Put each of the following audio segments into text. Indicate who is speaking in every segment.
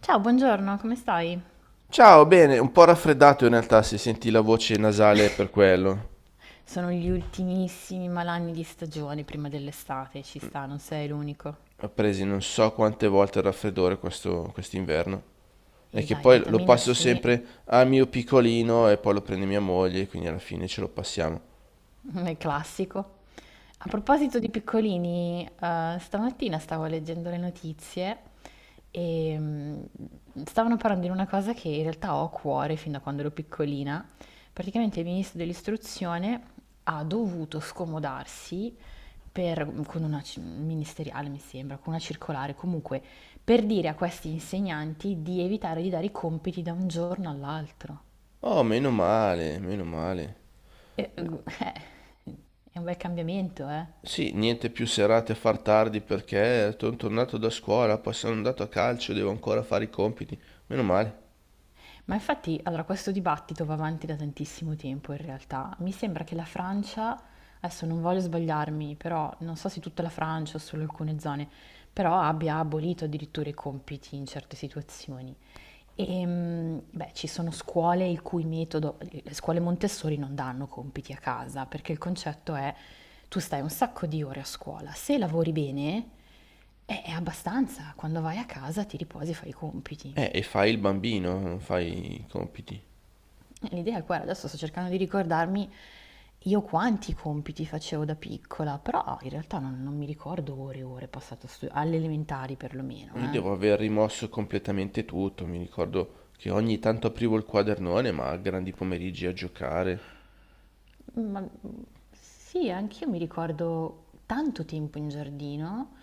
Speaker 1: Ciao, buongiorno, come stai?
Speaker 2: Ciao, bene, un po' raffreddato in realtà, si sentì la voce nasale per quello.
Speaker 1: Sono gli ultimissimi malanni di stagione prima dell'estate, ci sta, non sei l'unico.
Speaker 2: Ho preso non so quante volte il raffreddore questo quest'inverno. E
Speaker 1: E
Speaker 2: che
Speaker 1: dai,
Speaker 2: poi lo
Speaker 1: vitamina
Speaker 2: passo
Speaker 1: C,
Speaker 2: sempre al mio piccolino e poi lo prende mia moglie, quindi alla fine ce lo passiamo.
Speaker 1: è classico. A proposito di piccolini, stamattina stavo leggendo le notizie e stavano parlando di una cosa che in realtà ho a cuore fin da quando ero piccolina. Praticamente il ministro dell'istruzione ha dovuto scomodarsi con una ministeriale, mi sembra, con una circolare, comunque, per dire a questi insegnanti di evitare di dare i compiti da un giorno all'altro.
Speaker 2: Oh, meno male, meno male.
Speaker 1: E,
Speaker 2: Eh,
Speaker 1: è un bel cambiamento, eh.
Speaker 2: Sì, niente più serate a far tardi perché sono tornato da scuola, poi sono andato a calcio, devo ancora fare i compiti. Meno male.
Speaker 1: Ma infatti, allora, questo dibattito va avanti da tantissimo tempo in realtà. Mi sembra che la Francia, adesso non voglio sbagliarmi, però non so se tutta la Francia o solo alcune zone, però abbia abolito addirittura i compiti in certe situazioni. Beh, ci sono scuole il cui metodo, le scuole Montessori non danno compiti a casa, perché il concetto è tu stai un sacco di ore a scuola, se lavori bene è abbastanza, quando vai a casa ti riposi e fai i compiti.
Speaker 2: E fai il bambino, non fai i compiti.
Speaker 1: L'idea è quella, adesso sto cercando di ricordarmi io quanti compiti facevo da piccola, però in realtà non mi ricordo ore e ore passate a studiare, alle elementari perlomeno,
Speaker 2: Io
Speaker 1: eh.
Speaker 2: devo aver rimosso completamente tutto. Mi ricordo che ogni tanto aprivo il quadernone, ma a grandi pomeriggi a giocare.
Speaker 1: Ma sì, anch'io mi ricordo tanto tempo in giardino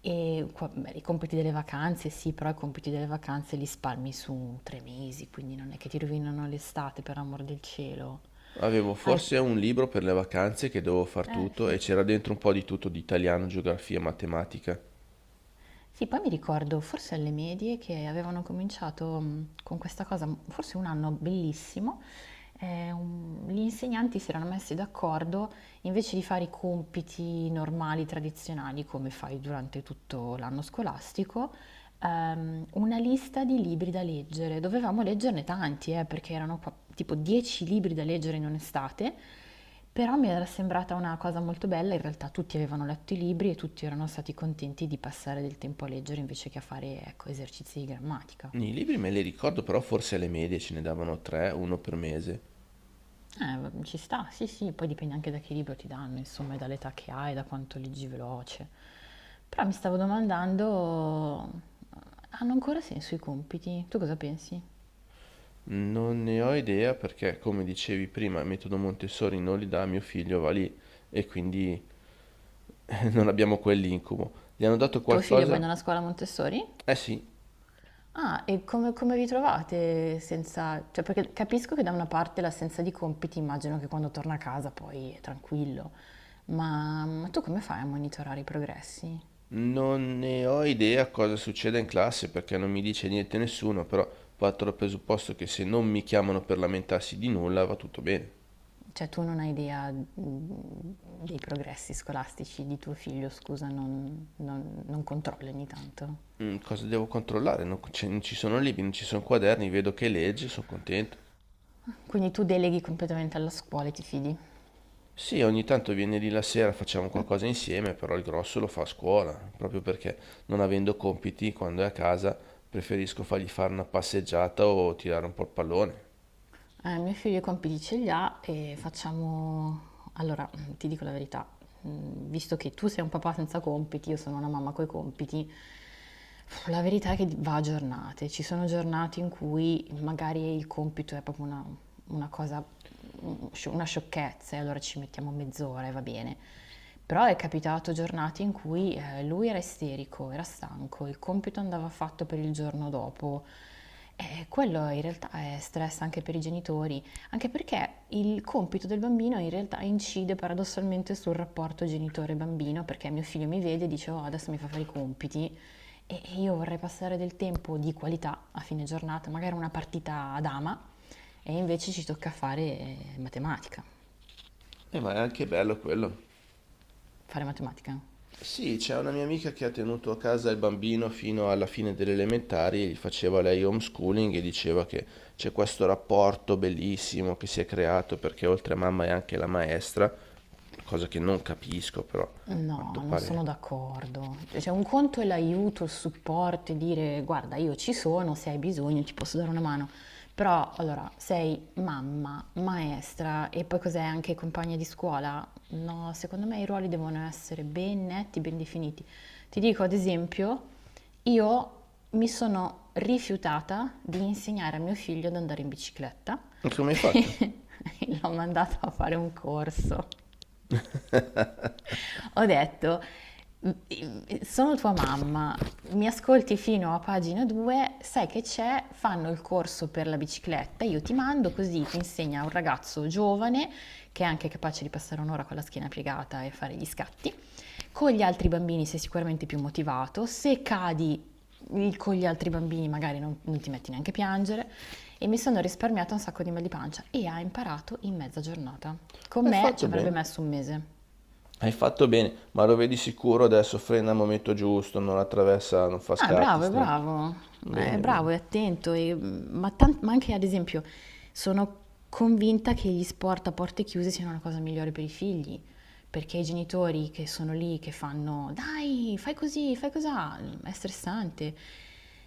Speaker 1: e beh, i compiti delle vacanze, sì, però i compiti delle vacanze li spalmi su 3 mesi, quindi non è che ti rovinano l'estate, per amor del cielo.
Speaker 2: Avevo
Speaker 1: Hai-
Speaker 2: forse un libro per le vacanze che dovevo far
Speaker 1: eh,
Speaker 2: tutto e
Speaker 1: sì.
Speaker 2: c'era dentro un po' di tutto di italiano, geografia, matematica.
Speaker 1: Sì, poi mi ricordo, forse alle medie, che avevano cominciato con questa cosa, forse un anno bellissimo, gli insegnanti si erano messi d'accordo, invece di fare i compiti normali, tradizionali, come fai durante tutto l'anno scolastico, una lista di libri da leggere. Dovevamo leggerne tanti, perché erano tipo 10 libri da leggere in un'estate, però mi era sembrata una cosa molto bella, in realtà tutti avevano letto i libri e tutti erano stati contenti di passare del tempo a leggere invece che a fare, ecco, esercizi di grammatica.
Speaker 2: I libri me li ricordo, però forse alle medie ce ne davano tre, uno per mese.
Speaker 1: Ci sta, sì, sì, poi dipende anche da che libro ti danno, insomma, e dall'età che hai, da quanto leggi veloce. Però mi stavo domandando, hanno ancora senso i compiti? Tu cosa pensi?
Speaker 2: Non ne ho idea perché, come dicevi prima, il metodo Montessori non li dà, mio figlio va lì e quindi non abbiamo quell'incubo. Gli hanno dato
Speaker 1: Tuo figlio va in
Speaker 2: qualcosa?
Speaker 1: una scuola Montessori?
Speaker 2: Eh sì.
Speaker 1: Ah, e come vi trovate senza... Cioè, perché capisco che da una parte l'assenza di compiti, immagino che quando torna a casa poi è tranquillo, ma tu come fai a monitorare i progressi?
Speaker 2: Non ne ho idea cosa succeda in classe perché non mi dice niente nessuno, però parto dal presupposto che se non mi chiamano per lamentarsi di nulla va tutto bene.
Speaker 1: Cioè, tu non hai idea dei progressi scolastici di tuo figlio, scusa, non controlli ogni tanto.
Speaker 2: Cosa devo controllare? Non ci sono libri, non ci sono quaderni, vedo che legge, sono contento.
Speaker 1: Quindi tu deleghi completamente alla scuola e ti fidi.
Speaker 2: Sì, ogni tanto viene lì la sera, facciamo qualcosa insieme, però il grosso lo fa a scuola, proprio perché non avendo compiti, quando è a casa, preferisco fargli fare una passeggiata o tirare un po' il pallone.
Speaker 1: Mio figlio i compiti ce li ha e facciamo... Allora, ti dico la verità, visto che tu sei un papà senza compiti, io sono una mamma coi compiti, la verità è che va a giornate, ci sono giornate in cui magari il compito è proprio una cosa, una sciocchezza e allora ci mettiamo mezz'ora e va bene. Però è capitato giornate in cui lui era isterico, era stanco, il compito andava fatto per il giorno dopo. E quello in realtà è stress anche per i genitori, anche perché il compito del bambino in realtà incide paradossalmente sul rapporto genitore-bambino, perché mio figlio mi vede e dice oh, adesso mi fa fare i compiti e io vorrei passare del tempo di qualità a fine giornata, magari una partita a dama, e invece ci tocca fare matematica.
Speaker 2: E ma è anche bello quello.
Speaker 1: Fare matematica?
Speaker 2: Sì, c'è una mia amica che ha tenuto a casa il bambino fino alla fine delle elementari, gli faceva lei homeschooling e diceva che c'è questo rapporto bellissimo che si è creato perché oltre a mamma è anche la maestra, cosa che non capisco però, a quanto
Speaker 1: No, non sono
Speaker 2: pare.
Speaker 1: d'accordo. Cioè, un conto è l'aiuto, il supporto, e dire guarda, io ci sono, se hai bisogno ti posso dare una mano. Però, allora, sei mamma, maestra e poi cos'è anche compagna di scuola? No, secondo me i ruoli devono essere ben netti, ben definiti. Ti dico, ad esempio, io mi sono rifiutata di insegnare a mio figlio ad andare in bicicletta.
Speaker 2: E come hai fatto?
Speaker 1: L'ho mandata a fare un corso ho detto, sono tua mamma, mi ascolti fino a pagina 2, sai che c'è, fanno il corso per la bicicletta, io ti mando così ti insegna un ragazzo giovane che è anche capace di passare un'ora con la schiena piegata e fare gli scatti. Con gli altri bambini sei sicuramente più motivato, se cadi con gli altri bambini magari non ti metti neanche a piangere e mi sono risparmiata un sacco di mal di pancia e ha imparato in mezza giornata. Con
Speaker 2: Hai
Speaker 1: me
Speaker 2: fatto
Speaker 1: ci avrebbe
Speaker 2: bene,
Speaker 1: messo un mese.
Speaker 2: hai fatto bene, ma lo vedi sicuro adesso, frena al momento giusto, non attraversa, non fa
Speaker 1: No, è
Speaker 2: scatti
Speaker 1: bravo, è
Speaker 2: strani.
Speaker 1: bravo, è
Speaker 2: Bene, bene.
Speaker 1: bravo, è attento, ma anche ad esempio sono convinta che gli sport a porte chiuse siano la cosa migliore per i figli, perché i genitori che sono lì, che fanno dai, fai così, fai cosà, è stressante.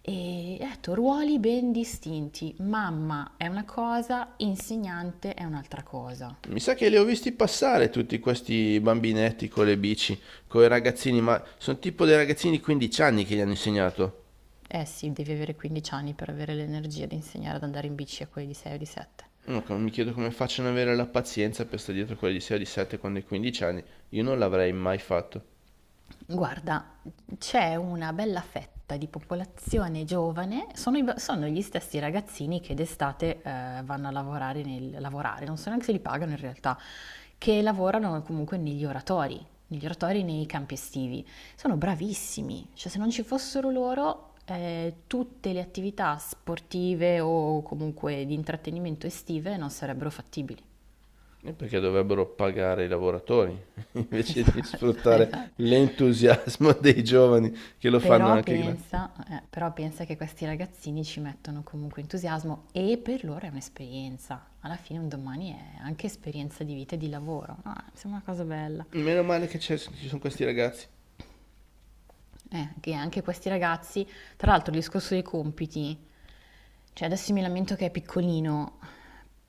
Speaker 1: E ecco, ruoli ben distinti, mamma è una cosa, insegnante è un'altra cosa.
Speaker 2: Mi sa che li ho visti passare tutti questi bambinetti con le bici, con i ragazzini, ma sono tipo dei ragazzini di 15 anni che gli hanno insegnato.
Speaker 1: Eh sì, devi avere 15 anni per avere l'energia di insegnare ad andare in bici a quelli di 6 o di 7.
Speaker 2: Mi chiedo come facciano ad avere la pazienza per stare dietro quelli di 6 o di 7 quando hai 15 anni. Io non l'avrei mai fatto.
Speaker 1: Guarda, c'è una bella fetta di popolazione giovane, sono gli stessi ragazzini che d'estate vanno a lavorare, lavorare, non so neanche se li pagano in realtà, che lavorano comunque negli oratori, nei campi estivi. Sono bravissimi, cioè se non ci fossero loro, tutte le attività sportive o comunque di intrattenimento estive non sarebbero fattibili.
Speaker 2: E perché dovrebbero pagare i lavoratori invece di
Speaker 1: Esatto,
Speaker 2: sfruttare
Speaker 1: esatto.
Speaker 2: l'entusiasmo dei giovani che lo fanno
Speaker 1: Però
Speaker 2: anche gratis.
Speaker 1: pensa eh, però pensa che questi ragazzini ci mettono comunque entusiasmo e per loro è un'esperienza. Alla fine un domani è anche esperienza di vita e di lavoro. No, mi sembra una cosa bella.
Speaker 2: Meno male che c'è- Ci sono questi ragazzi,
Speaker 1: Che anche questi ragazzi, tra l'altro il discorso dei compiti, cioè adesso mi lamento che è piccolino,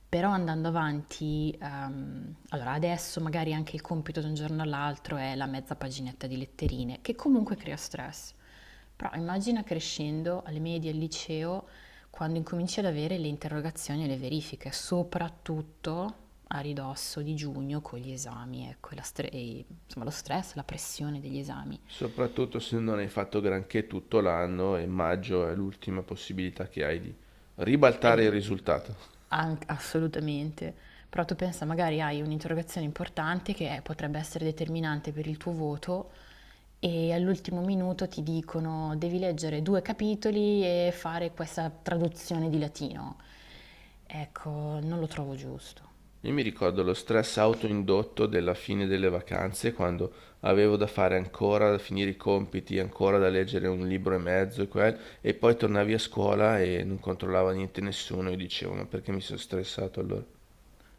Speaker 1: però andando avanti, allora adesso magari anche il compito da un giorno all'altro è la mezza paginetta di letterine, che comunque crea stress. Però immagina crescendo alle medie, al liceo, quando incominci ad avere le interrogazioni e le verifiche, soprattutto a ridosso di giugno con gli esami, ecco, e, insomma, lo stress, la pressione degli esami.
Speaker 2: soprattutto se non hai fatto granché tutto l'anno e maggio è l'ultima possibilità che hai di ribaltare il
Speaker 1: Eh,
Speaker 2: risultato.
Speaker 1: assolutamente. Però tu pensa, magari hai un'interrogazione importante che potrebbe essere determinante per il tuo voto e all'ultimo minuto ti dicono devi leggere due capitoli e fare questa traduzione di latino. Ecco, non lo trovo giusto.
Speaker 2: Io mi ricordo lo stress autoindotto della fine delle vacanze, quando avevo da fare ancora, da finire i compiti, ancora da leggere un libro e mezzo e poi tornavi a scuola e non controllava niente nessuno e dicevo, ma perché mi sono stressato allora?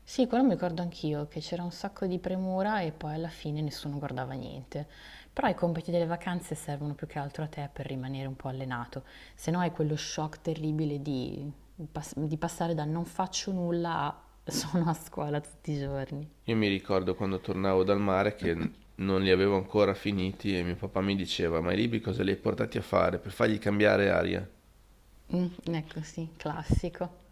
Speaker 1: Sì, quello mi ricordo anch'io, che c'era un sacco di premura e poi alla fine nessuno guardava niente. Però i compiti delle vacanze servono più che altro a te per rimanere un po' allenato, se no hai quello shock terribile di, di passare da non faccio nulla a sono a scuola tutti i giorni.
Speaker 2: Io mi ricordo quando tornavo dal mare che non li avevo ancora finiti e mio papà mi diceva, ma i libri cosa li hai portati a fare? Per fargli cambiare aria?
Speaker 1: Mh, ecco sì, classico.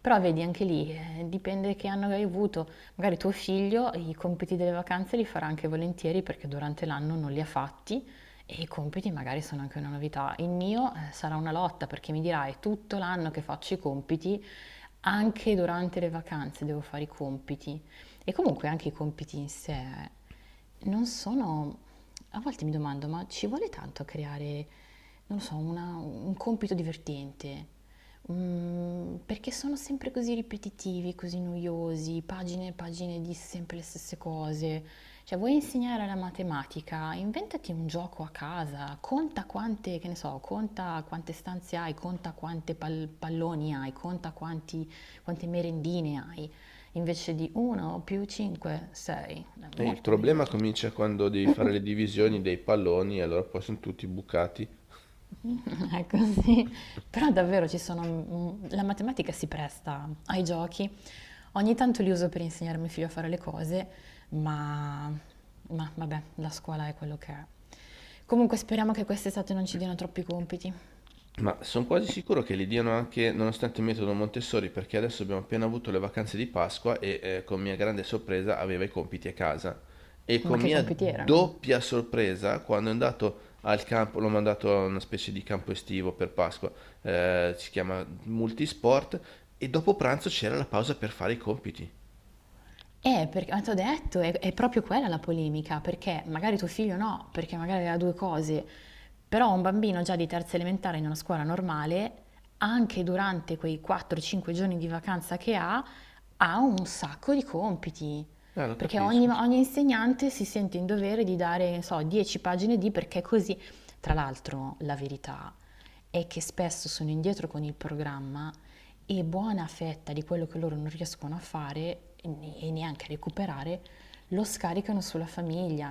Speaker 1: Però vedi anche lì, dipende che anno hai avuto. Magari tuo figlio i compiti delle vacanze li farà anche volentieri perché durante l'anno non li ha fatti e i compiti magari sono anche una novità. Il mio, sarà una lotta perché mi dirà: "È tutto l'anno che faccio i compiti, anche durante le vacanze devo fare i compiti". E comunque anche i compiti in sé non sono... A volte mi domando, ma ci vuole tanto a creare, non lo so, un compito divertente? Perché sono sempre così ripetitivi, così noiosi, pagine e pagine di sempre le stesse cose. Cioè, vuoi insegnare la matematica? Inventati un gioco a casa, conta quante, che ne so, conta quante stanze hai, conta quante palloni hai, conta quante merendine hai, invece di 1 più 5, 6. È
Speaker 2: E il
Speaker 1: molto
Speaker 2: problema
Speaker 1: noioso.
Speaker 2: comincia quando devi fare le divisioni dei palloni, e allora poi sono tutti bucati.
Speaker 1: È così, però davvero ci sono, la matematica si presta ai giochi. Ogni tanto li uso per insegnare a mio figlio a fare le cose, ma ma vabbè, la scuola è quello che è. Comunque speriamo che quest'estate non ci diano troppi compiti.
Speaker 2: Ma sono quasi sicuro che li diano anche nonostante il metodo Montessori, perché adesso abbiamo appena avuto le vacanze di Pasqua e con mia grande sorpresa aveva i compiti a casa. E
Speaker 1: Ma
Speaker 2: con
Speaker 1: che
Speaker 2: mia
Speaker 1: compiti erano?
Speaker 2: doppia sorpresa, quando è andato al campo, l'ho mandato a una specie di campo estivo per Pasqua, si chiama Multisport, e dopo pranzo c'era la pausa per fare i compiti.
Speaker 1: Perché, ma ti ho detto, è proprio quella la polemica, perché magari tuo figlio no, perché magari ha due cose, però un bambino già di terza elementare in una scuola normale, anche durante quei 4-5 giorni di vacanza che ha, ha un sacco di compiti,
Speaker 2: Ah, lo
Speaker 1: perché ogni,
Speaker 2: capisco.
Speaker 1: ogni insegnante si sente in dovere di dare, non so, 10 pagine di perché così. Tra l'altro, la verità è che spesso sono indietro con il programma e buona fetta di quello che loro non riescono a fare e neanche a recuperare lo scaricano sulla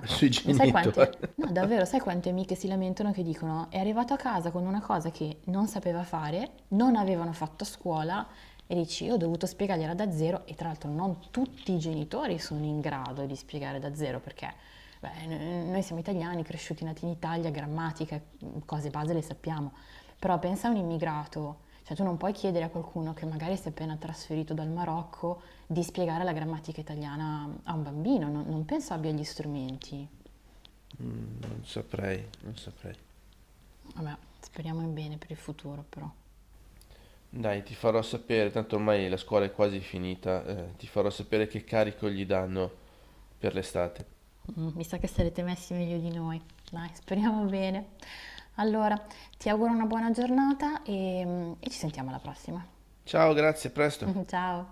Speaker 2: Sui
Speaker 1: Ma sai quante,
Speaker 2: genitori.
Speaker 1: no, davvero, sai quante amiche si lamentano che dicono è arrivato a casa con una cosa che non sapeva fare, non avevano fatto a scuola e dici io ho dovuto spiegargliela da zero e tra l'altro non tutti i genitori sono in grado di spiegare da zero perché beh, noi siamo italiani, cresciuti nati in Italia, grammatica, cose base le sappiamo. Però pensa a un immigrato, cioè tu non puoi chiedere a qualcuno che magari si è appena trasferito dal Marocco di spiegare la grammatica italiana a un bambino, non penso abbia gli strumenti.
Speaker 2: Non saprei, non saprei.
Speaker 1: Vabbè, speriamo in bene per il futuro però.
Speaker 2: Dai, ti farò sapere, tanto ormai la scuola è quasi finita, ti farò sapere che carico gli danno per l'estate.
Speaker 1: Mi sa che sarete messi meglio di noi. Dai, speriamo bene. Allora, ti auguro una buona giornata e ci sentiamo alla prossima.
Speaker 2: Ciao, grazie, a presto.
Speaker 1: Ciao!